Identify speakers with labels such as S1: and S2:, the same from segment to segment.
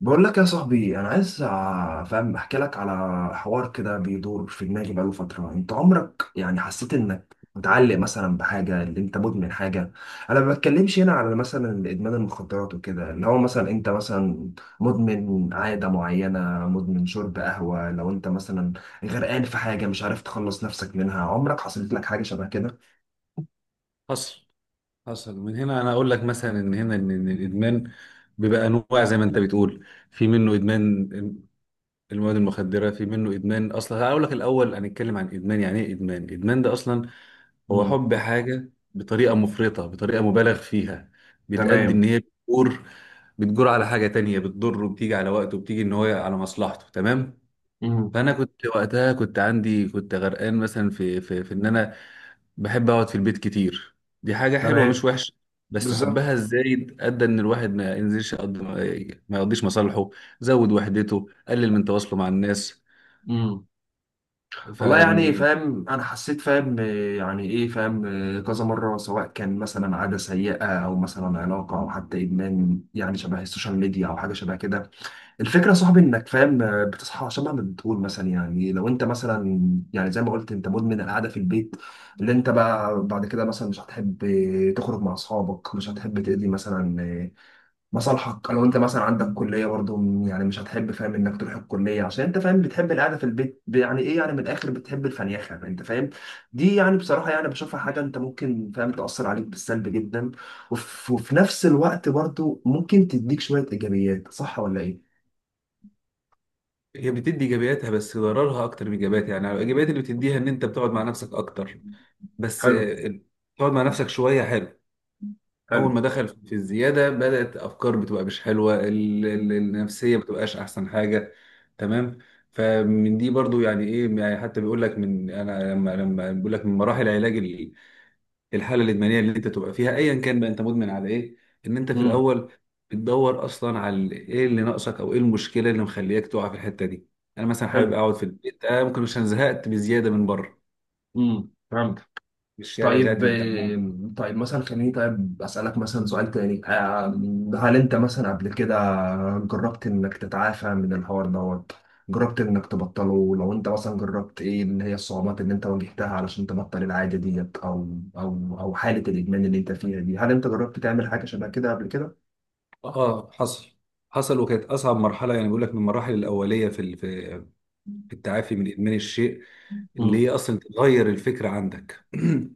S1: بقول لك يا صاحبي، انا عايز ع- فاهم احكي لك على حوار كده بيدور في دماغي بقاله فتره. انت عمرك يعني حسيت انك متعلق مثلا بحاجه، اللي انت مدمن حاجه؟ انا ما بتكلمش هنا على مثلا ادمان المخدرات وكده، اللي هو مثلا انت مثلا مدمن عاده معينه، مدمن شرب قهوه. لو انت مثلا غرقان في حاجه مش عارف تخلص نفسك منها، عمرك حصلت لك حاجه شبه كده؟
S2: حصل حصل. من هنا انا اقول لك مثلا ان هنا إن الادمان بيبقى انواع زي ما انت بتقول. في منه ادمان المواد المخدره، في منه ادمان. اصلا هقول لك الاول، هنتكلم عن ادمان يعني ايه. ادمان، ادمان ده اصلا هو
S1: امم.
S2: حب حاجه بطريقه مفرطه، بطريقه مبالغ فيها، بتأدي ان
S1: تمام.
S2: هي بتجور على حاجه تانية، بتضره، بتيجي على وقته، بتيجي ان هو على مصلحته. تمام.
S1: امم.
S2: فانا كنت وقتها، كنت عندي، كنت غرقان مثلا في في ان انا بحب اقعد في البيت كتير. دي حاجة حلوة مش
S1: تمام.
S2: وحشة، بس
S1: بالظبط.
S2: حبها الزايد ادى ان الواحد ما ينزلش يقضي، ما يقضيش مصالحه، زود وحدته، قلل من تواصله مع الناس. ف
S1: والله يعني فاهم، انا حسيت فاهم آه، يعني ايه، فاهم آه، كذا مره، سواء كان مثلا عاده سيئه او مثلا علاقه او حتى ادمان يعني شبه السوشيال ميديا او حاجه شبه كده. الفكره يا صاحبي انك فاهم آه، بتصحى شبه ما بتقول. مثلا يعني لو انت مثلا، يعني زي ما قلت انت مدمن القعده في البيت، اللي انت بقى بعد كده مثلا مش هتحب تخرج مع اصحابك، مش هتحب تقضي مثلا مصالحك. لو انت مثلا عندك كليه برضو، يعني مش هتحب فاهم انك تروح الكليه، عشان انت فاهم بتحب القعده في البيت. يعني ايه، يعني من الاخر بتحب الفنيخه، انت فاهم. دي يعني بصراحه يعني بشوفها حاجه انت ممكن فاهم تاثر عليك بالسلب جدا، وفي نفس الوقت برضو ممكن تديك شويه ايجابيات، صح ولا ايه؟
S2: هي بتدي ايجابياتها، بس ضررها اكتر من ايجابياتها. يعني الايجابيات اللي بتديها ان انت بتقعد مع نفسك اكتر، بس
S1: حلو.
S2: آه، تقعد مع نفسك شوية حلو.
S1: حلو.
S2: اول ما دخل في الزياده، بدات افكار بتبقى مش حلوه. النفسيه بتبقاش احسن حاجه. تمام. فمن دي برضو، يعني ايه، يعني حتى بيقول لك من انا، لما بيقول لك من مراحل علاج الحاله الادمانيه اللي انت تبقى فيها، ايا كان بقى انت مدمن على ايه. ان انت في
S1: امم.
S2: الاول بتدور اصلا على ايه اللي ناقصك، او ايه المشكله اللي مخلياك تقع في الحته دي. انا مثلا حابب
S1: حلو.
S2: اقعد في البيت، آه ممكن عشان زهقت بزياده من بره،
S1: امم، فهمت.
S2: من الشارع،
S1: طيب
S2: زهقت من التعامل.
S1: آه، طيب مثلا خليني طيب أسألك مثلا سؤال تاني. هل أنت مثلا قبل كده جربت إنك تتعافى من الحوار دوت؟ جربت إنك تبطله؟ لو أنت مثلا جربت، إيه اللي هي الصعوبات اللي أنت واجهتها علشان تبطل العادة ديت؟ أو حالة الإدمان اللي أنت فيها دي، هل أنت جربت تعمل حاجة شبه كده قبل كده؟
S2: اه حصل. حصل، وكانت اصعب مرحله. يعني بيقول لك من المراحل الاوليه في في التعافي من ادمان الشيء اللي
S1: مم.
S2: هي اصلا تغير الفكره عندك.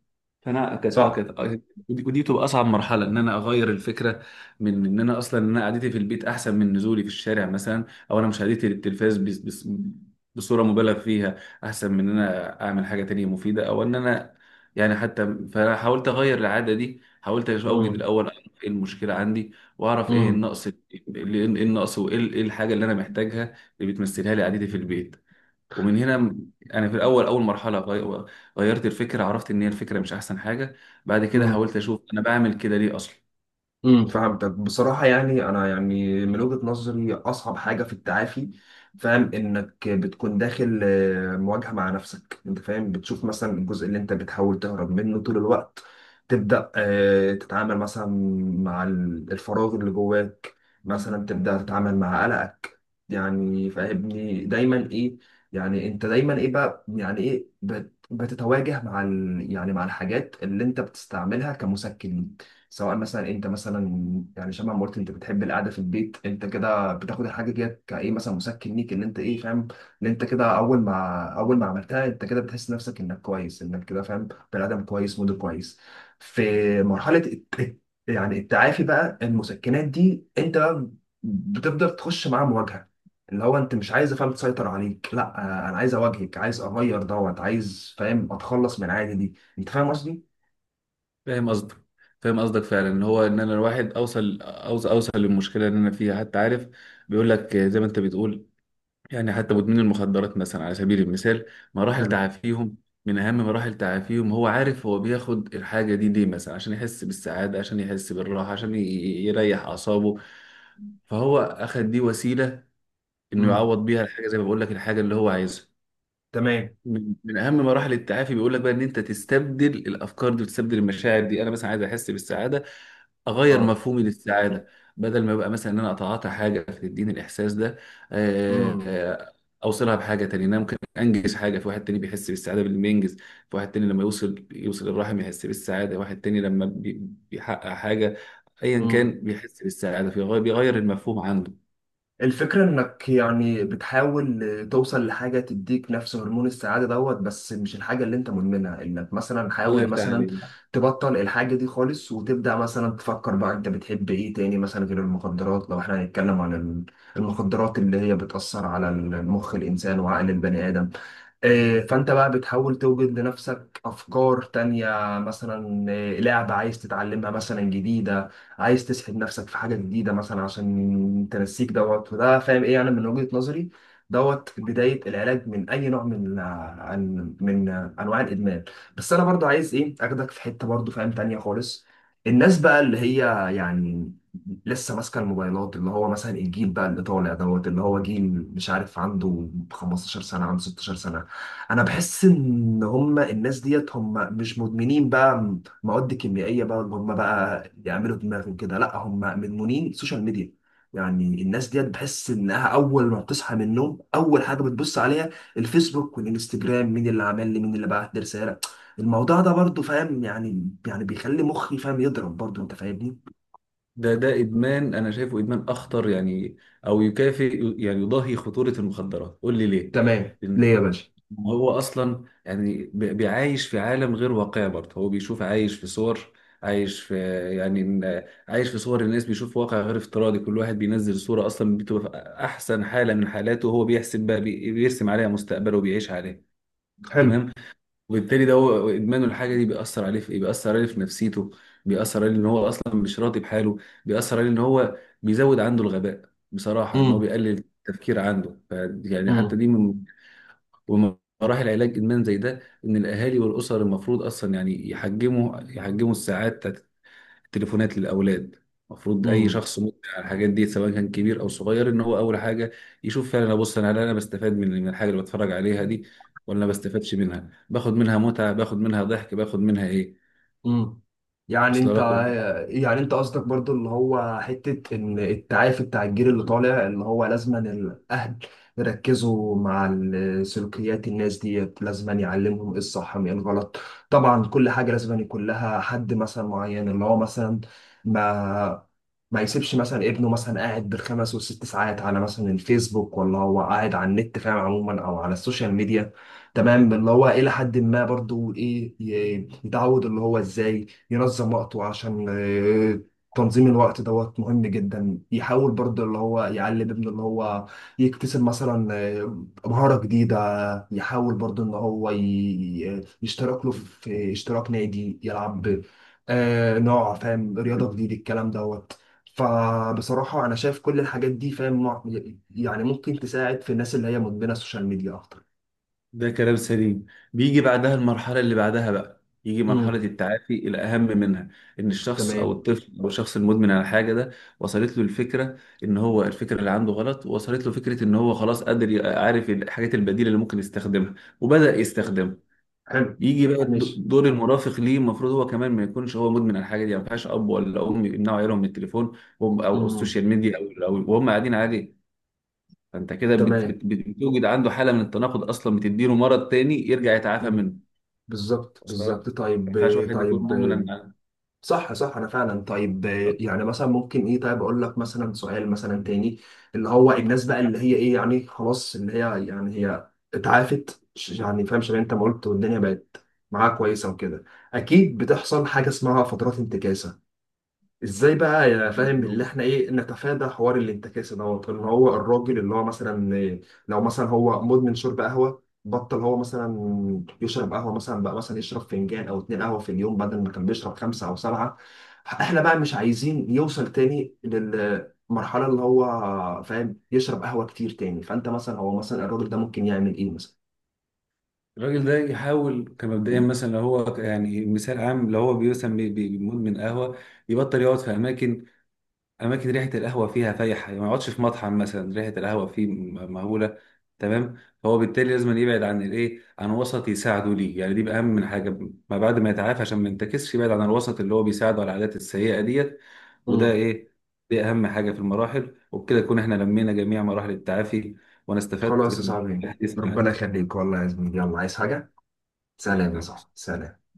S2: فانا أكد
S1: صح.
S2: أكد أكد ودي، ودي بتبقى اصعب مرحله، ان انا اغير الفكره، من ان انا اصلا ان انا قعدتي في البيت احسن من نزولي في الشارع مثلا، او انا مشاهدتي للتلفاز، بس بصوره مبالغ فيها، احسن من ان انا اعمل حاجه تانية مفيده او ان انا، يعني حتى فانا حاولت اغير العاده دي. حاولت اوجد
S1: مم.
S2: الاول، أعرف ايه المشكله عندي، واعرف ايه
S1: مم.
S2: النقص، ايه النقص، ايه الحاجه اللي انا محتاجها، اللي بتمثلها لي قعدتي في البيت. ومن هنا انا في الاول، اول مرحله غيرت الفكره، عرفت ان هي الفكره مش احسن حاجه. بعد كده
S1: مم.
S2: حاولت اشوف انا بعمل كده ليه اصلا.
S1: امم، فهمتك. بصراحة يعني أنا يعني من وجهة نظري أصعب حاجة في التعافي، فاهم، إنك بتكون داخل مواجهة مع نفسك. أنت فاهم بتشوف مثلا الجزء اللي أنت بتحاول تهرب منه طول الوقت. تبدأ تتعامل مثلا مع الفراغ اللي جواك، مثلا تبدأ تتعامل مع قلقك. يعني فاهمني دايما إيه، يعني أنت دايما إيه بقى، يعني إيه، بتتواجه مع ال يعني مع الحاجات اللي أنت بتستعملها كمسكن. سواء مثلا انت مثلا، يعني شبه ما قلت انت بتحب القعده في البيت، انت كده بتاخد الحاجه ديت كايه مثلا مسكن ليك، ان انت ايه فاهم، ان انت كده اول ما عملتها، انت كده بتحس نفسك انك كويس، انك كده فاهم، بني ادم كويس، موديل كويس. في يعني التعافي بقى، المسكنات دي انت بقى بتفضل تخش معاها مواجهه، اللي هو انت مش عايز فاهم تسيطر عليك، لا. انا عايز اواجهك، عايز اغير دوت، عايز فاهم اتخلص من العاده دي، انت فاهم قصدي؟
S2: فاهم قصدك. فاهم قصدك فعلا، ان هو ان انا الواحد اوصل للمشكله اللي انا فيها، حتى عارف. بيقول لك آه، زي ما انت بتقول، يعني حتى مدمنين المخدرات مثلا على سبيل المثال، مراحل
S1: حلو.
S2: تعافيهم، من اهم مراحل تعافيهم، هو عارف هو بياخد الحاجه دي ليه، مثلا عشان يحس بالسعاده، عشان يحس بالراحه، عشان يريح اعصابه. فهو اخد دي وسيله انه
S1: امم.
S2: يعوض بيها الحاجه، زي ما بقول لك، الحاجه اللي هو عايزها.
S1: تمام.
S2: من اهم مراحل التعافي بيقول لك بقى، ان انت تستبدل الافكار دي، وتستبدل المشاعر دي. انا مثلا عايز احس بالسعاده، اغير
S1: اه.
S2: مفهومي للسعاده. بدل ما يبقى مثلا ان انا اتعاطى حاجه فتديني الاحساس ده، آه،
S1: مم.
S2: آه، اوصلها بحاجه تانية. إن انا ممكن انجز حاجه، في واحد تاني بيحس بالسعاده باللي ينجز، في واحد تاني لما يوصل الرحم يحس بالسعاده، واحد تاني لما بيحقق حاجه، ايا كان
S1: مم.
S2: بيحس بالسعاده، فيغير، بيغير المفهوم عنده.
S1: الفكرة انك يعني بتحاول توصل لحاجة تديك نفس هرمون السعادة دوت، بس مش الحاجة اللي انت مدمنها. انك مثلا
S2: الله
S1: حاول
S2: يفتح
S1: مثلا
S2: عليك.
S1: تبطل الحاجة دي خالص، وتبدأ مثلا تفكر بقى انت بتحب ايه تاني، مثلا غير المخدرات، لو احنا هنتكلم عن المخدرات اللي هي بتأثر على المخ الانسان وعقل البني ادم. فانت بقى بتحاول توجد لنفسك افكار تانية. مثلا لعبة عايز تتعلمها مثلا جديدة، عايز تسحب نفسك في حاجة جديدة مثلا عشان تنسيك دوت. وده فاهم ايه، انا من وجهة نظري دوت بداية العلاج من اي نوع من انواع الادمان. بس انا برضو عايز ايه اخدك في حتة برضو فاهم تانية خالص. الناس بقى اللي هي يعني لسه ماسكه الموبايلات، اللي هو مثلا الجيل بقى اللي طالع دوت، اللي هو جيل مش عارف عنده 15 سنه، عنده 16 سنه، انا بحس ان هم الناس ديت هم مش مدمنين بقى مواد كيميائيه بقى اللي هم بقى يعملوا دماغهم كده، لا، هم مدمنين سوشيال ميديا. يعني الناس ديت بحس انها اول ما بتصحى من النوم، اول حاجه بتبص عليها الفيسبوك والانستجرام، مين اللي عمل لي، مين اللي بعت لي رساله. الموضوع ده برضو فاهم يعني، يعني بيخلي مخي فاهم يضرب برضو، انت فاهمني.
S2: ده ادمان، انا شايفه ادمان اخطر يعني، او يكافئ، يعني يضاهي خطوره المخدرات. قول لي ليه.
S1: تمام،
S2: لان
S1: ليه يا باشا؟
S2: هو اصلا يعني بيعايش في عالم غير واقعي برضه. هو بيشوف عايش في صور، عايش في، يعني عايش في صور الناس، بيشوف واقع غير افتراضي. كل واحد بينزل صوره اصلا بتبقى في احسن حاله من حالاته، وهو بيحسب بقى، بيرسم عليها مستقبله وبيعيش عليها.
S1: حلو.
S2: تمام. وبالتالي ده هو ادمانه. الحاجه دي بيأثر عليه في ايه، بيأثر عليه في نفسيته، بيأثر عليه ان هو اصلا مش راضي بحاله، بيأثر عليه ان هو بيزود عنده الغباء بصراحه، ان هو
S1: امم.
S2: بيقلل التفكير عنده. يعني حتى دي من، ومن مراحل علاج ادمان زي ده، ان الاهالي والاسر المفروض اصلا يعني يحجموا الساعات تليفونات للاولاد. المفروض اي
S1: امم.
S2: شخص مدمن على الحاجات دي، سواء كان كبير او صغير، ان هو اول حاجه يشوف فعلا، ابص انا هل انا بستفاد من الحاجه اللي بتفرج عليها دي، ولا ما بستفادش منها، باخد منها متعه، باخد منها ضحك، باخد منها ايه،
S1: امم. يعني
S2: اصل
S1: انت،
S2: لك.
S1: يعني انت قصدك برضو اللي هو حتة ان التعافي بتاع الجيل اللي طالع اللي هو لازما الاهل يركزوا مع سلوكيات الناس ديت، لازما يعلمهم ايه الصح من ايه الغلط. طبعا كل حاجة لازما يكون لها حد مثلا معين، اللي هو مثلا ما يسيبش مثلا ابنه مثلا قاعد بالخمس والست ساعات على مثلا الفيسبوك، ولا هو قاعد على النت فاهم عموما او على السوشيال ميديا. تمام، اللي هو الى حد ما برضو ايه يتعود اللي هو ازاي ينظم وقته، عشان تنظيم الوقت دوت مهم جدا. يحاول برضو اللي هو يعلم ابنه اللي هو يكتسب مثلا مهارة جديدة، يحاول برضو ان هو يشترك له في اشتراك نادي يلعب نوع فاهم رياضة جديدة، الكلام دوت. فبصراحة أنا شايف كل الحاجات دي يعني ممكن تساعد في الناس اللي هي مدمنة السوشيال ميديا أكتر.
S2: ده كلام سليم. بيجي بعدها المرحلة اللي بعدها بقى، يجي مرحلة
S1: مم.
S2: التعافي الأهم منها، إن الشخص أو
S1: تمام.
S2: الطفل أو الشخص المدمن على الحاجة ده وصلت له الفكرة، إن هو الفكرة اللي عنده غلط، وصلت له فكرة إن هو خلاص قادر عارف الحاجات البديلة اللي ممكن يستخدمها، وبدأ يستخدمها.
S1: حلو.
S2: يجي بقى
S1: ماشي.
S2: دور المرافق ليه. المفروض هو كمان ما يكونش هو مدمن على الحاجة دي. يعني ما ينفعش أب ولا أم يمنعوا عيالهم من التليفون أو
S1: امم.
S2: السوشيال ميديا وهم قاعدين عليه. فانت كده
S1: تمام.
S2: بتوجد عنده حاله من التناقض، اصلا بتديله مرض تاني يرجع يتعافى
S1: امم.
S2: منه.
S1: بالظبط،
S2: اصلا ما
S1: بالظبط. طيب.
S2: ينفعش واحد يكون
S1: طيب.
S2: مدمن على.
S1: صح، صح، انا فعلا. طيب يعني مثلا ممكن ايه، طيب اقول لك مثلا سؤال مثلا تاني، اللي هو الناس بقى اللي هي ايه يعني خلاص، اللي هي يعني هي اتعافت، يعني فاهم شبه انت ما قلت والدنيا بقت معاها كويسه وكده، اكيد بتحصل حاجه اسمها فترات انتكاسه. ازاي بقى يا فاهم اللي احنا ايه نتفادى حوار الانتكاسه دوت؟ ان هو الراجل اللي هو مثلا لو مثلا هو مدمن شرب قهوه، بطل هو مثلا يشرب قهوه مثلا، بقى مثلا يشرب فنجان او اتنين قهوه في اليوم بدل ما كان بيشرب خمسه او سبعه. احنا بقى مش عايزين يوصل تاني للمرحله اللي هو فاهم يشرب قهوه كتير تاني. فانت مثلا، هو مثلا الراجل ده ممكن يعمل ايه مثلا؟
S2: الراجل ده يحاول كمبدئيا، مثلا لو هو يعني مثال عام، لو هو مثلا مدمن قهوه، يبطل يقعد في اماكن، اماكن ريحه القهوه فيها فايحه، يعني ما يقعدش في مطعم مثلا ريحه القهوه فيه مهوله. تمام. فهو بالتالي لازم يبعد عن الايه، عن وسط يساعده ليه. يعني دي بقى اهم من حاجه، ما بعد ما يتعافى، عشان ما ينتكسش، يبعد عن الوسط اللي هو بيساعده على العادات السيئه ديت. وده
S1: مم.
S2: ايه، دي اهم حاجه في المراحل. وبكده نكون احنا لمينا جميع مراحل التعافي، وانا استفدت
S1: خلاص يا صاحبي،
S2: بالحديث
S1: ربنا
S2: معك.
S1: يخليك والله يا زميلي. يلا، عايز حاجه؟
S2: الله
S1: سلام يا
S2: يكرمك.
S1: صاحبي، سلام.